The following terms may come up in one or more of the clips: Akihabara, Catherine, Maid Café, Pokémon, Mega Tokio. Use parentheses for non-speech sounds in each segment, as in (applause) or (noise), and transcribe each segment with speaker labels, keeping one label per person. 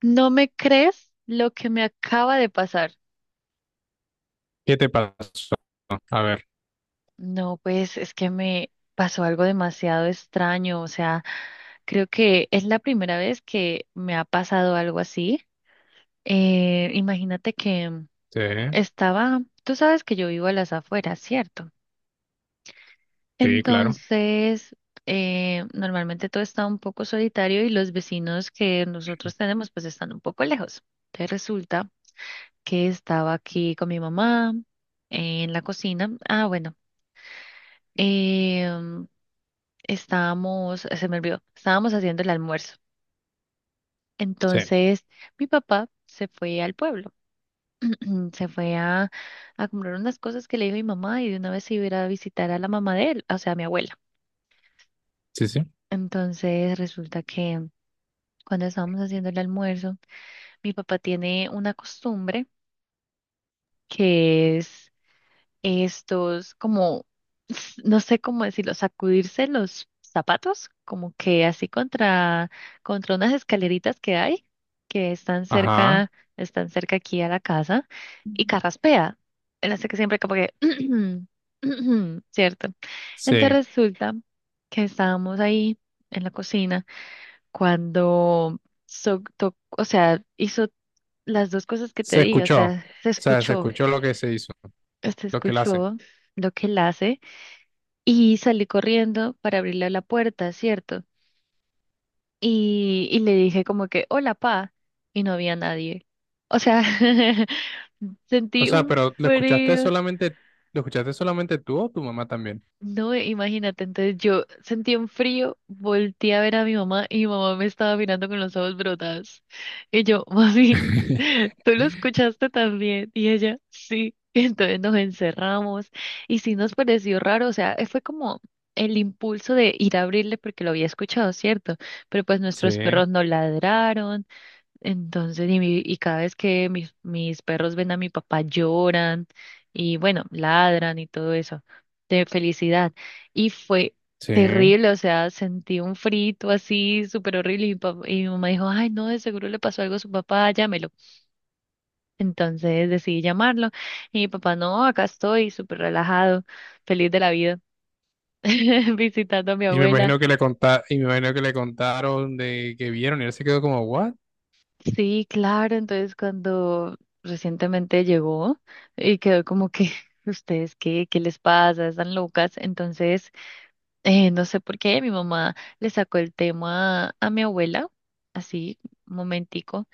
Speaker 1: ¿No me crees lo que me acaba de pasar?
Speaker 2: ¿Qué te pasó? A ver,
Speaker 1: No, pues es que me pasó algo demasiado extraño. O sea, creo que es la primera vez que me ha pasado algo así. Imagínate que
Speaker 2: sí,
Speaker 1: tú sabes que yo vivo a las afueras, ¿cierto?
Speaker 2: sí, claro.
Speaker 1: Entonces, normalmente todo está un poco solitario y los vecinos que nosotros tenemos pues están un poco lejos. Te resulta que estaba aquí con mi mamá en la cocina. Ah, bueno, em, se me olvidó, estábamos haciendo el almuerzo.
Speaker 2: Sí,
Speaker 1: Entonces, mi papá se fue al pueblo, (clears throat) se fue a comprar unas cosas que le dijo mi mamá y de una vez se iba a ir a visitar a la mamá de él, o sea, a mi abuela.
Speaker 2: sí, sí.
Speaker 1: Entonces, resulta que cuando estábamos haciendo el almuerzo, mi papá tiene una costumbre que es estos, como, (laughs) no sé cómo decirlo, sacudirse los zapatos, como que así contra unas escaleritas que hay, que están
Speaker 2: Ajá,
Speaker 1: cerca, están cerca aquí a la casa, y carraspea. Él hace que siempre como que, (clears throat) ¿cierto? Entonces
Speaker 2: sí.
Speaker 1: resulta que estábamos ahí en la cocina cuando, o sea, hizo las dos cosas que te
Speaker 2: Se
Speaker 1: dije, o
Speaker 2: escuchó. O
Speaker 1: sea, se
Speaker 2: sea, se
Speaker 1: escuchó,
Speaker 2: escuchó lo que se hizo,
Speaker 1: se
Speaker 2: lo que él hace.
Speaker 1: escuchó lo que él hace. Y salí corriendo para abrirle la puerta, ¿cierto? Y le dije como que, hola, pa, y no había nadie. O sea, (laughs)
Speaker 2: O
Speaker 1: sentí
Speaker 2: sea,
Speaker 1: un
Speaker 2: pero
Speaker 1: frío.
Speaker 2: lo escuchaste solamente tú o tu mamá también?
Speaker 1: No, imagínate, entonces yo sentí un frío, volteé a ver a mi mamá y mi mamá me estaba mirando con los ojos brotados. Y yo, mami,
Speaker 2: (laughs)
Speaker 1: (laughs) ¿tú lo escuchaste también? Y ella, sí. (laughs) Y entonces nos encerramos y sí nos pareció raro, o sea, fue como el impulso de ir a abrirle porque lo había escuchado, ¿cierto? Pero pues
Speaker 2: Sí,
Speaker 1: nuestros perros no ladraron, entonces, y cada vez que mis perros ven a mi papá lloran y bueno, ladran y todo eso de felicidad. Y fue
Speaker 2: sí.
Speaker 1: terrible, o sea, sentí un frito así súper horrible y y mi mamá dijo, ay, no, de seguro le pasó algo a su papá, llámelo. Entonces decidí llamarlo y mi papá, no, acá estoy súper relajado, feliz de la vida, (laughs) visitando a mi
Speaker 2: Y me
Speaker 1: abuela.
Speaker 2: imagino que le conta, y me imagino que le contaron de que vieron y él se quedó como, ¿what?
Speaker 1: Sí, claro. Entonces, cuando recientemente llegó y quedó como que, (laughs) ¿ustedes qué? ¿Qué les pasa? ¿Están locas? Entonces, no sé por qué mi mamá le sacó el tema a mi abuela, así, un momentico,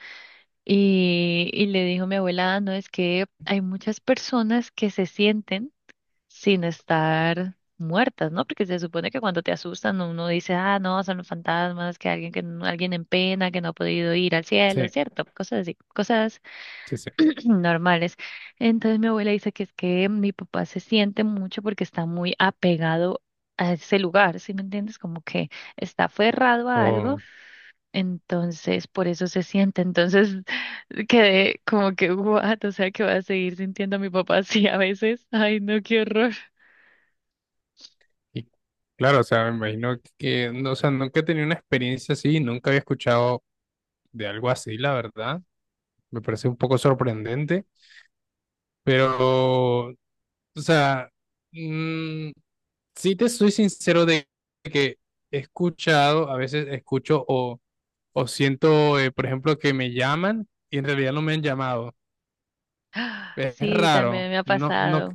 Speaker 1: y le dijo a mi abuela, "Ah, no, es que hay muchas personas que se sienten sin estar muertas, ¿no? Porque se supone que cuando te asustan uno dice, ah, no, son los fantasmas, que alguien, que no- alguien en pena, que no ha podido ir al cielo,
Speaker 2: Sí,
Speaker 1: ¿cierto? Cosas así, cosas
Speaker 2: sí, sí.
Speaker 1: (clears throat) normales. Entonces mi abuela dice que es que mi papá se siente mucho porque está muy apegado a ese lugar, ¿sí me entiendes? Como que está aferrado a algo.
Speaker 2: Oh,
Speaker 1: Entonces, por eso se siente. Entonces, (laughs) quedé como que, what, o sea, que voy a seguir sintiendo a mi papá así a veces. Ay, no, qué horror.
Speaker 2: y claro, o sea, me imagino que, no, o sea, nunca he tenido una experiencia así, nunca había escuchado de algo así, la verdad. Me parece un poco sorprendente, pero, o sea, mm, sí te soy sincero de que he escuchado, a veces escucho o siento, por ejemplo, que me llaman y en realidad no me han llamado.
Speaker 1: (gasps) ¡Ah!
Speaker 2: Es
Speaker 1: Sí, también
Speaker 2: raro,
Speaker 1: me ha
Speaker 2: no, no,
Speaker 1: pasado.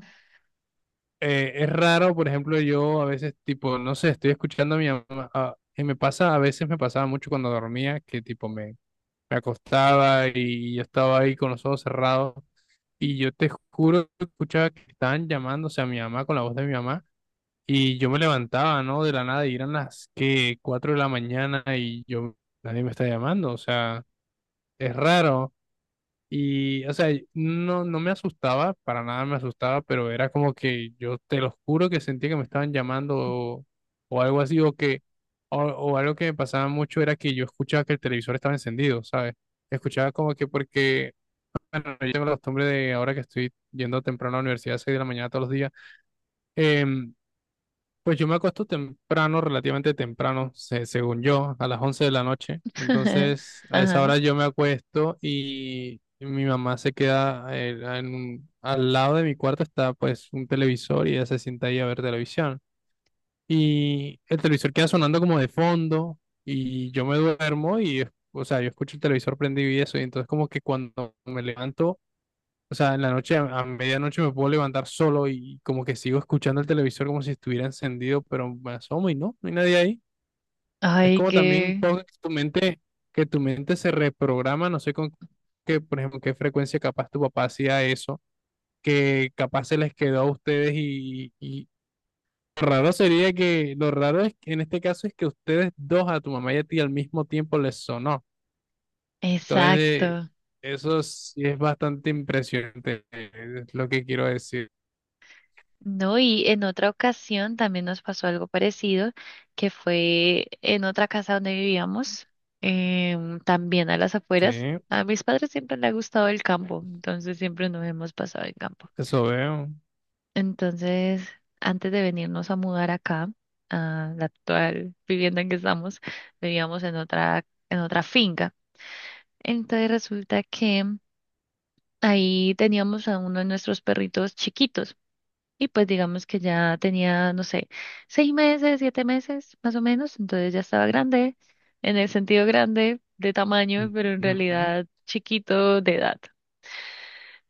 Speaker 2: es raro, por ejemplo, yo a veces, tipo, no sé, estoy escuchando a mi mamá, y me pasa, a veces me pasaba mucho cuando dormía, que tipo me acostaba y yo estaba ahí con los ojos cerrados, y yo te juro que escuchaba que estaban llamándose a mi mamá con la voz de mi mamá, y yo me levantaba, ¿no? De la nada, y eran las que 4 de la mañana, y yo, nadie me está llamando, o sea, es raro. Y, o sea, no, no me asustaba, para nada me asustaba, pero era como que yo te lo juro que sentía que me estaban llamando o algo así, o algo que me pasaba mucho era que yo escuchaba que el televisor estaba encendido, ¿sabes? Escuchaba como que porque, bueno, yo tengo la costumbre de ahora que estoy yendo temprano a la universidad, a 6 de la mañana todos los días, em, pues yo me acuesto temprano, relativamente temprano, según yo, a las 11 de la noche.
Speaker 1: (laughs)
Speaker 2: Entonces, a esa
Speaker 1: Ajá.
Speaker 2: hora yo me acuesto y mi mamá se queda al lado de mi cuarto está pues un televisor y ella se sienta ahí a ver televisión. Y el televisor queda sonando como de fondo y yo me duermo y, o sea, yo escucho el televisor prendido y eso. Y entonces como que cuando me levanto o sea, en la noche, a medianoche me puedo levantar solo y como que sigo escuchando el televisor como si estuviera encendido, pero me asomo y no, no hay nadie ahí. Es
Speaker 1: Ay,
Speaker 2: como también
Speaker 1: qué.
Speaker 2: poco que tu mente se reprograma, no sé con qué, por ejemplo, qué frecuencia capaz tu papá hacía eso, que capaz se les quedó a ustedes y raro sería que, lo raro es que en este caso es que ustedes dos, a tu mamá y a ti al mismo tiempo les sonó. Entonces, eh,
Speaker 1: Exacto.
Speaker 2: eso sí es bastante impresionante, es lo que quiero decir.
Speaker 1: No, y en otra ocasión también nos pasó algo parecido, que fue en otra casa donde vivíamos, también a las afueras.
Speaker 2: Sí.
Speaker 1: A mis padres siempre les ha gustado el campo, entonces siempre nos hemos pasado el campo.
Speaker 2: Eso veo.
Speaker 1: Entonces, antes de venirnos a mudar acá, a la actual vivienda en que estamos, vivíamos en otra finca. Entonces resulta que ahí teníamos a uno de nuestros perritos chiquitos y pues digamos que ya tenía, no sé, 6 meses, 7 meses más o menos, entonces ya estaba grande, en el sentido grande de tamaño, pero en
Speaker 2: Ujú.
Speaker 1: realidad chiquito de edad.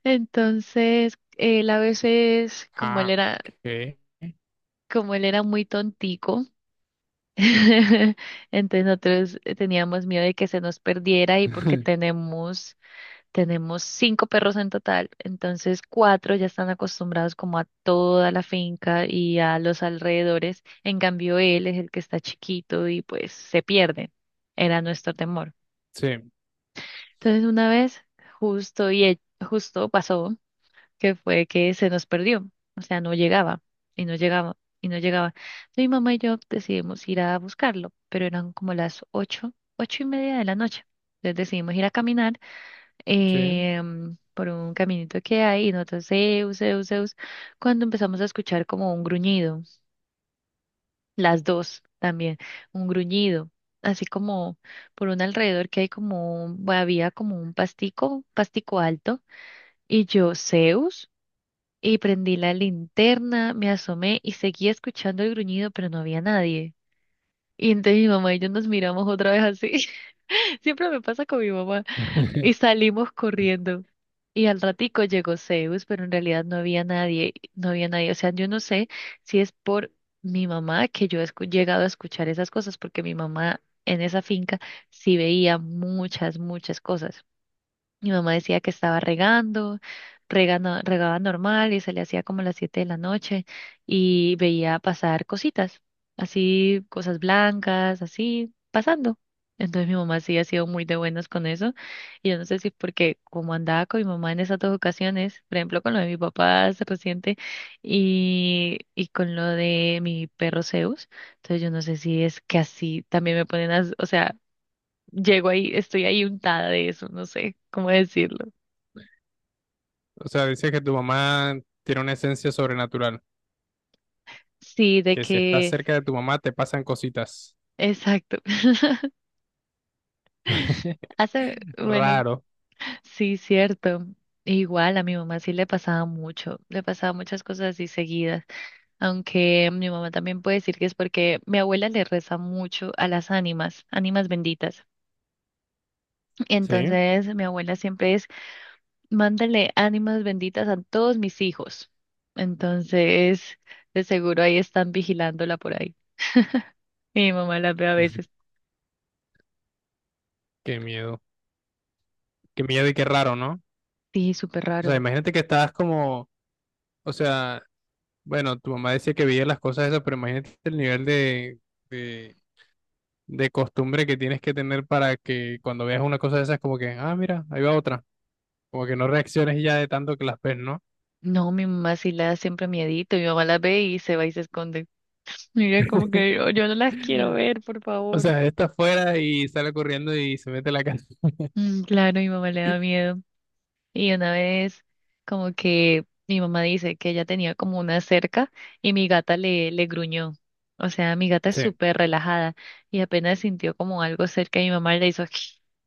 Speaker 1: Entonces, él a veces, como él
Speaker 2: Ah,
Speaker 1: era,
Speaker 2: ok.
Speaker 1: como él era muy tontico, (laughs) entonces nosotros teníamos miedo de que se nos perdiera y porque
Speaker 2: (laughs)
Speaker 1: tenemos Tenemos cinco perros en total, entonces cuatro ya están acostumbrados como a toda la finca y a los alrededores. En cambio, él es el que está chiquito y pues se pierde. Era nuestro temor.
Speaker 2: Sí,
Speaker 1: Entonces, una vez justo y e- justo pasó que fue que se nos perdió, o sea, no llegaba y no llegaba y no llegaba. Mi mamá y yo decidimos ir a buscarlo, pero eran como las ocho, 8:30 de la noche. Entonces decidimos ir a caminar
Speaker 2: sí.
Speaker 1: por un caminito que hay y nosotros, Zeus, Zeus, Zeus, cuando empezamos a escuchar como un gruñido, las dos también, un gruñido, así como por un alrededor que hay como, un- bueno, había como un pastico alto, y yo, Zeus, y prendí la linterna, me asomé y seguía escuchando el gruñido, pero no había nadie. Y entonces mi mamá y yo nos miramos otra vez así. (laughs) Siempre me pasa con mi mamá.
Speaker 2: (laughs)
Speaker 1: Y salimos corriendo. Y al ratico llegó Zeus, pero en realidad no había nadie, no había nadie. O sea, yo no sé si es por mi mamá que yo he escu- llegado a escuchar esas cosas, porque mi mamá en esa finca sí veía muchas, muchas cosas. Mi mamá decía que estaba regando, regaba normal y se le hacía como las 7 de la noche y veía pasar cositas, así, cosas blancas, así, pasando. Entonces mi mamá sí ha sido muy de buenas con eso y yo no sé si porque como andaba con mi mamá en esas dos ocasiones, por ejemplo con lo de mi papá hace reciente y con lo de mi perro Zeus, entonces yo no sé si es que así también me ponen a, o sea, llego ahí, estoy ahí untada de eso, no sé cómo decirlo.
Speaker 2: O sea, dices que tu mamá tiene una esencia sobrenatural,
Speaker 1: Sí, de
Speaker 2: que si estás
Speaker 1: que,
Speaker 2: cerca de tu mamá te pasan cositas.
Speaker 1: exacto. (laughs)
Speaker 2: (laughs)
Speaker 1: Hace, bueno,
Speaker 2: Raro,
Speaker 1: sí, cierto. Igual a mi mamá sí le pasaba mucho, le pasaba muchas cosas así seguidas, aunque mi mamá también puede decir que es porque mi abuela le reza mucho a las ánimas, ánimas benditas.
Speaker 2: ¿sí?
Speaker 1: Entonces mi abuela siempre es, mándale ánimas benditas a todos mis hijos. Entonces, de seguro ahí están vigilándola por ahí. Y mi mamá las ve a veces.
Speaker 2: Qué miedo. Qué miedo y qué raro, ¿no?
Speaker 1: Sí, súper
Speaker 2: O sea,
Speaker 1: raro.
Speaker 2: imagínate que estás como, o sea, bueno, tu mamá decía que veía las cosas esas, pero imagínate el nivel de, de costumbre que tienes que tener para que cuando veas una cosa de esas, como que, ah, mira, ahí va otra. Como que no reacciones ya de tanto que las ves, ¿no?
Speaker 1: No, mi mamá sí le da siempre miedito. Mi mamá las ve y se va y se esconde. (laughs) Mira, como que yo no las
Speaker 2: (laughs)
Speaker 1: quiero ver, por
Speaker 2: O
Speaker 1: favor.
Speaker 2: sea, está afuera y sale corriendo y se mete a la casa.
Speaker 1: Mm, claro, mi mamá le da miedo. Y una vez, como que mi mamá dice que ella tenía como una cerca y mi gata le, le gruñó. O sea, mi gata
Speaker 2: (laughs)
Speaker 1: es
Speaker 2: Sí,
Speaker 1: súper relajada y apenas sintió como algo cerca y mi mamá le hizo (laughs)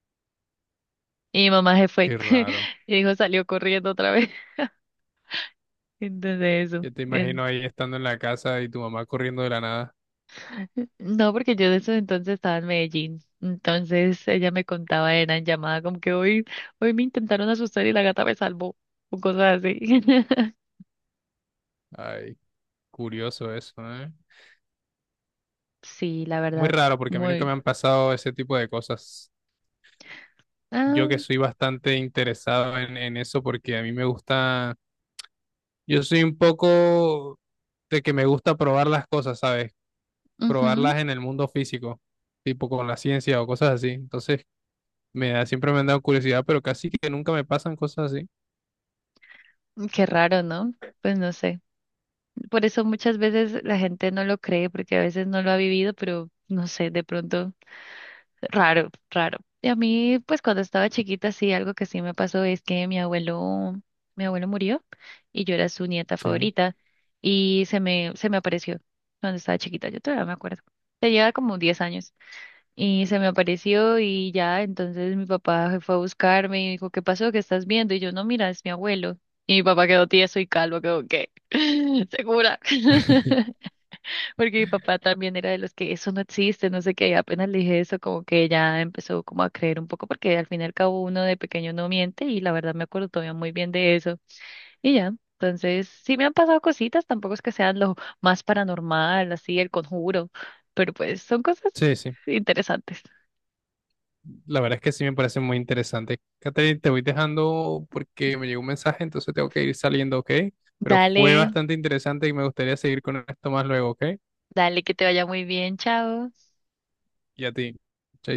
Speaker 1: y mi mamá se fue
Speaker 2: qué
Speaker 1: (laughs)
Speaker 2: raro.
Speaker 1: y dijo salió corriendo otra vez. (laughs) Entonces eso.
Speaker 2: Yo te imagino ahí estando en la casa y tu mamá corriendo de la nada.
Speaker 1: No, porque yo de esos entonces estaba en Medellín. Entonces ella me contaba, era en llamada, como que hoy me intentaron asustar y la gata me salvó, o cosas así. (laughs)
Speaker 2: Ay, curioso eso, ¿eh?
Speaker 1: Sí, la
Speaker 2: Muy
Speaker 1: verdad,
Speaker 2: raro porque a mí nunca me
Speaker 1: muy...
Speaker 2: han pasado ese tipo de cosas.
Speaker 1: Ah,
Speaker 2: Yo que soy bastante interesado en eso porque a mí me gusta, yo soy un poco de que me gusta probar las cosas, ¿sabes?
Speaker 1: ujú,
Speaker 2: Probarlas en el mundo físico, tipo con la ciencia o cosas así. Entonces, me da, siempre me han dado curiosidad, pero casi que nunca me pasan cosas así.
Speaker 1: qué raro, ¿no? Pues no sé. Por eso muchas veces la gente no lo cree, porque a veces no lo ha vivido, pero no sé, de pronto raro, raro. Y a mí, pues cuando estaba chiquita, sí, algo que sí me pasó es que mi abuelo murió y yo era su nieta
Speaker 2: Sí.
Speaker 1: favorita y se me apareció cuando estaba chiquita, yo todavía me acuerdo. Tenía como 10 años y se me apareció y ya, entonces mi papá fue a buscarme y dijo, ¿qué pasó? ¿Qué estás viendo? Y yo, no, mira, es mi abuelo. Y mi papá quedó tieso y calvo, quedó, ¿qué? (laughs) ¿Segura?
Speaker 2: (laughs)
Speaker 1: (laughs) Porque mi papá también era de los que eso no existe, no sé qué, y apenas le dije eso, como que ya empezó como a creer un poco, porque al fin y al cabo uno de pequeño no miente, y la verdad me acuerdo todavía muy bien de eso. Y ya, entonces sí me han pasado cositas, tampoco es que sean lo más paranormal, así el conjuro, pero pues son cosas
Speaker 2: Sí, sí.
Speaker 1: interesantes.
Speaker 2: La verdad es que sí me parece muy interesante. Catherine, te voy dejando porque me llegó un mensaje, entonces tengo que ir saliendo, ¿ok? Pero fue
Speaker 1: Dale,
Speaker 2: bastante interesante y me gustaría seguir con esto más luego, ¿ok?
Speaker 1: dale, que te vaya muy bien, chao.
Speaker 2: Y a ti.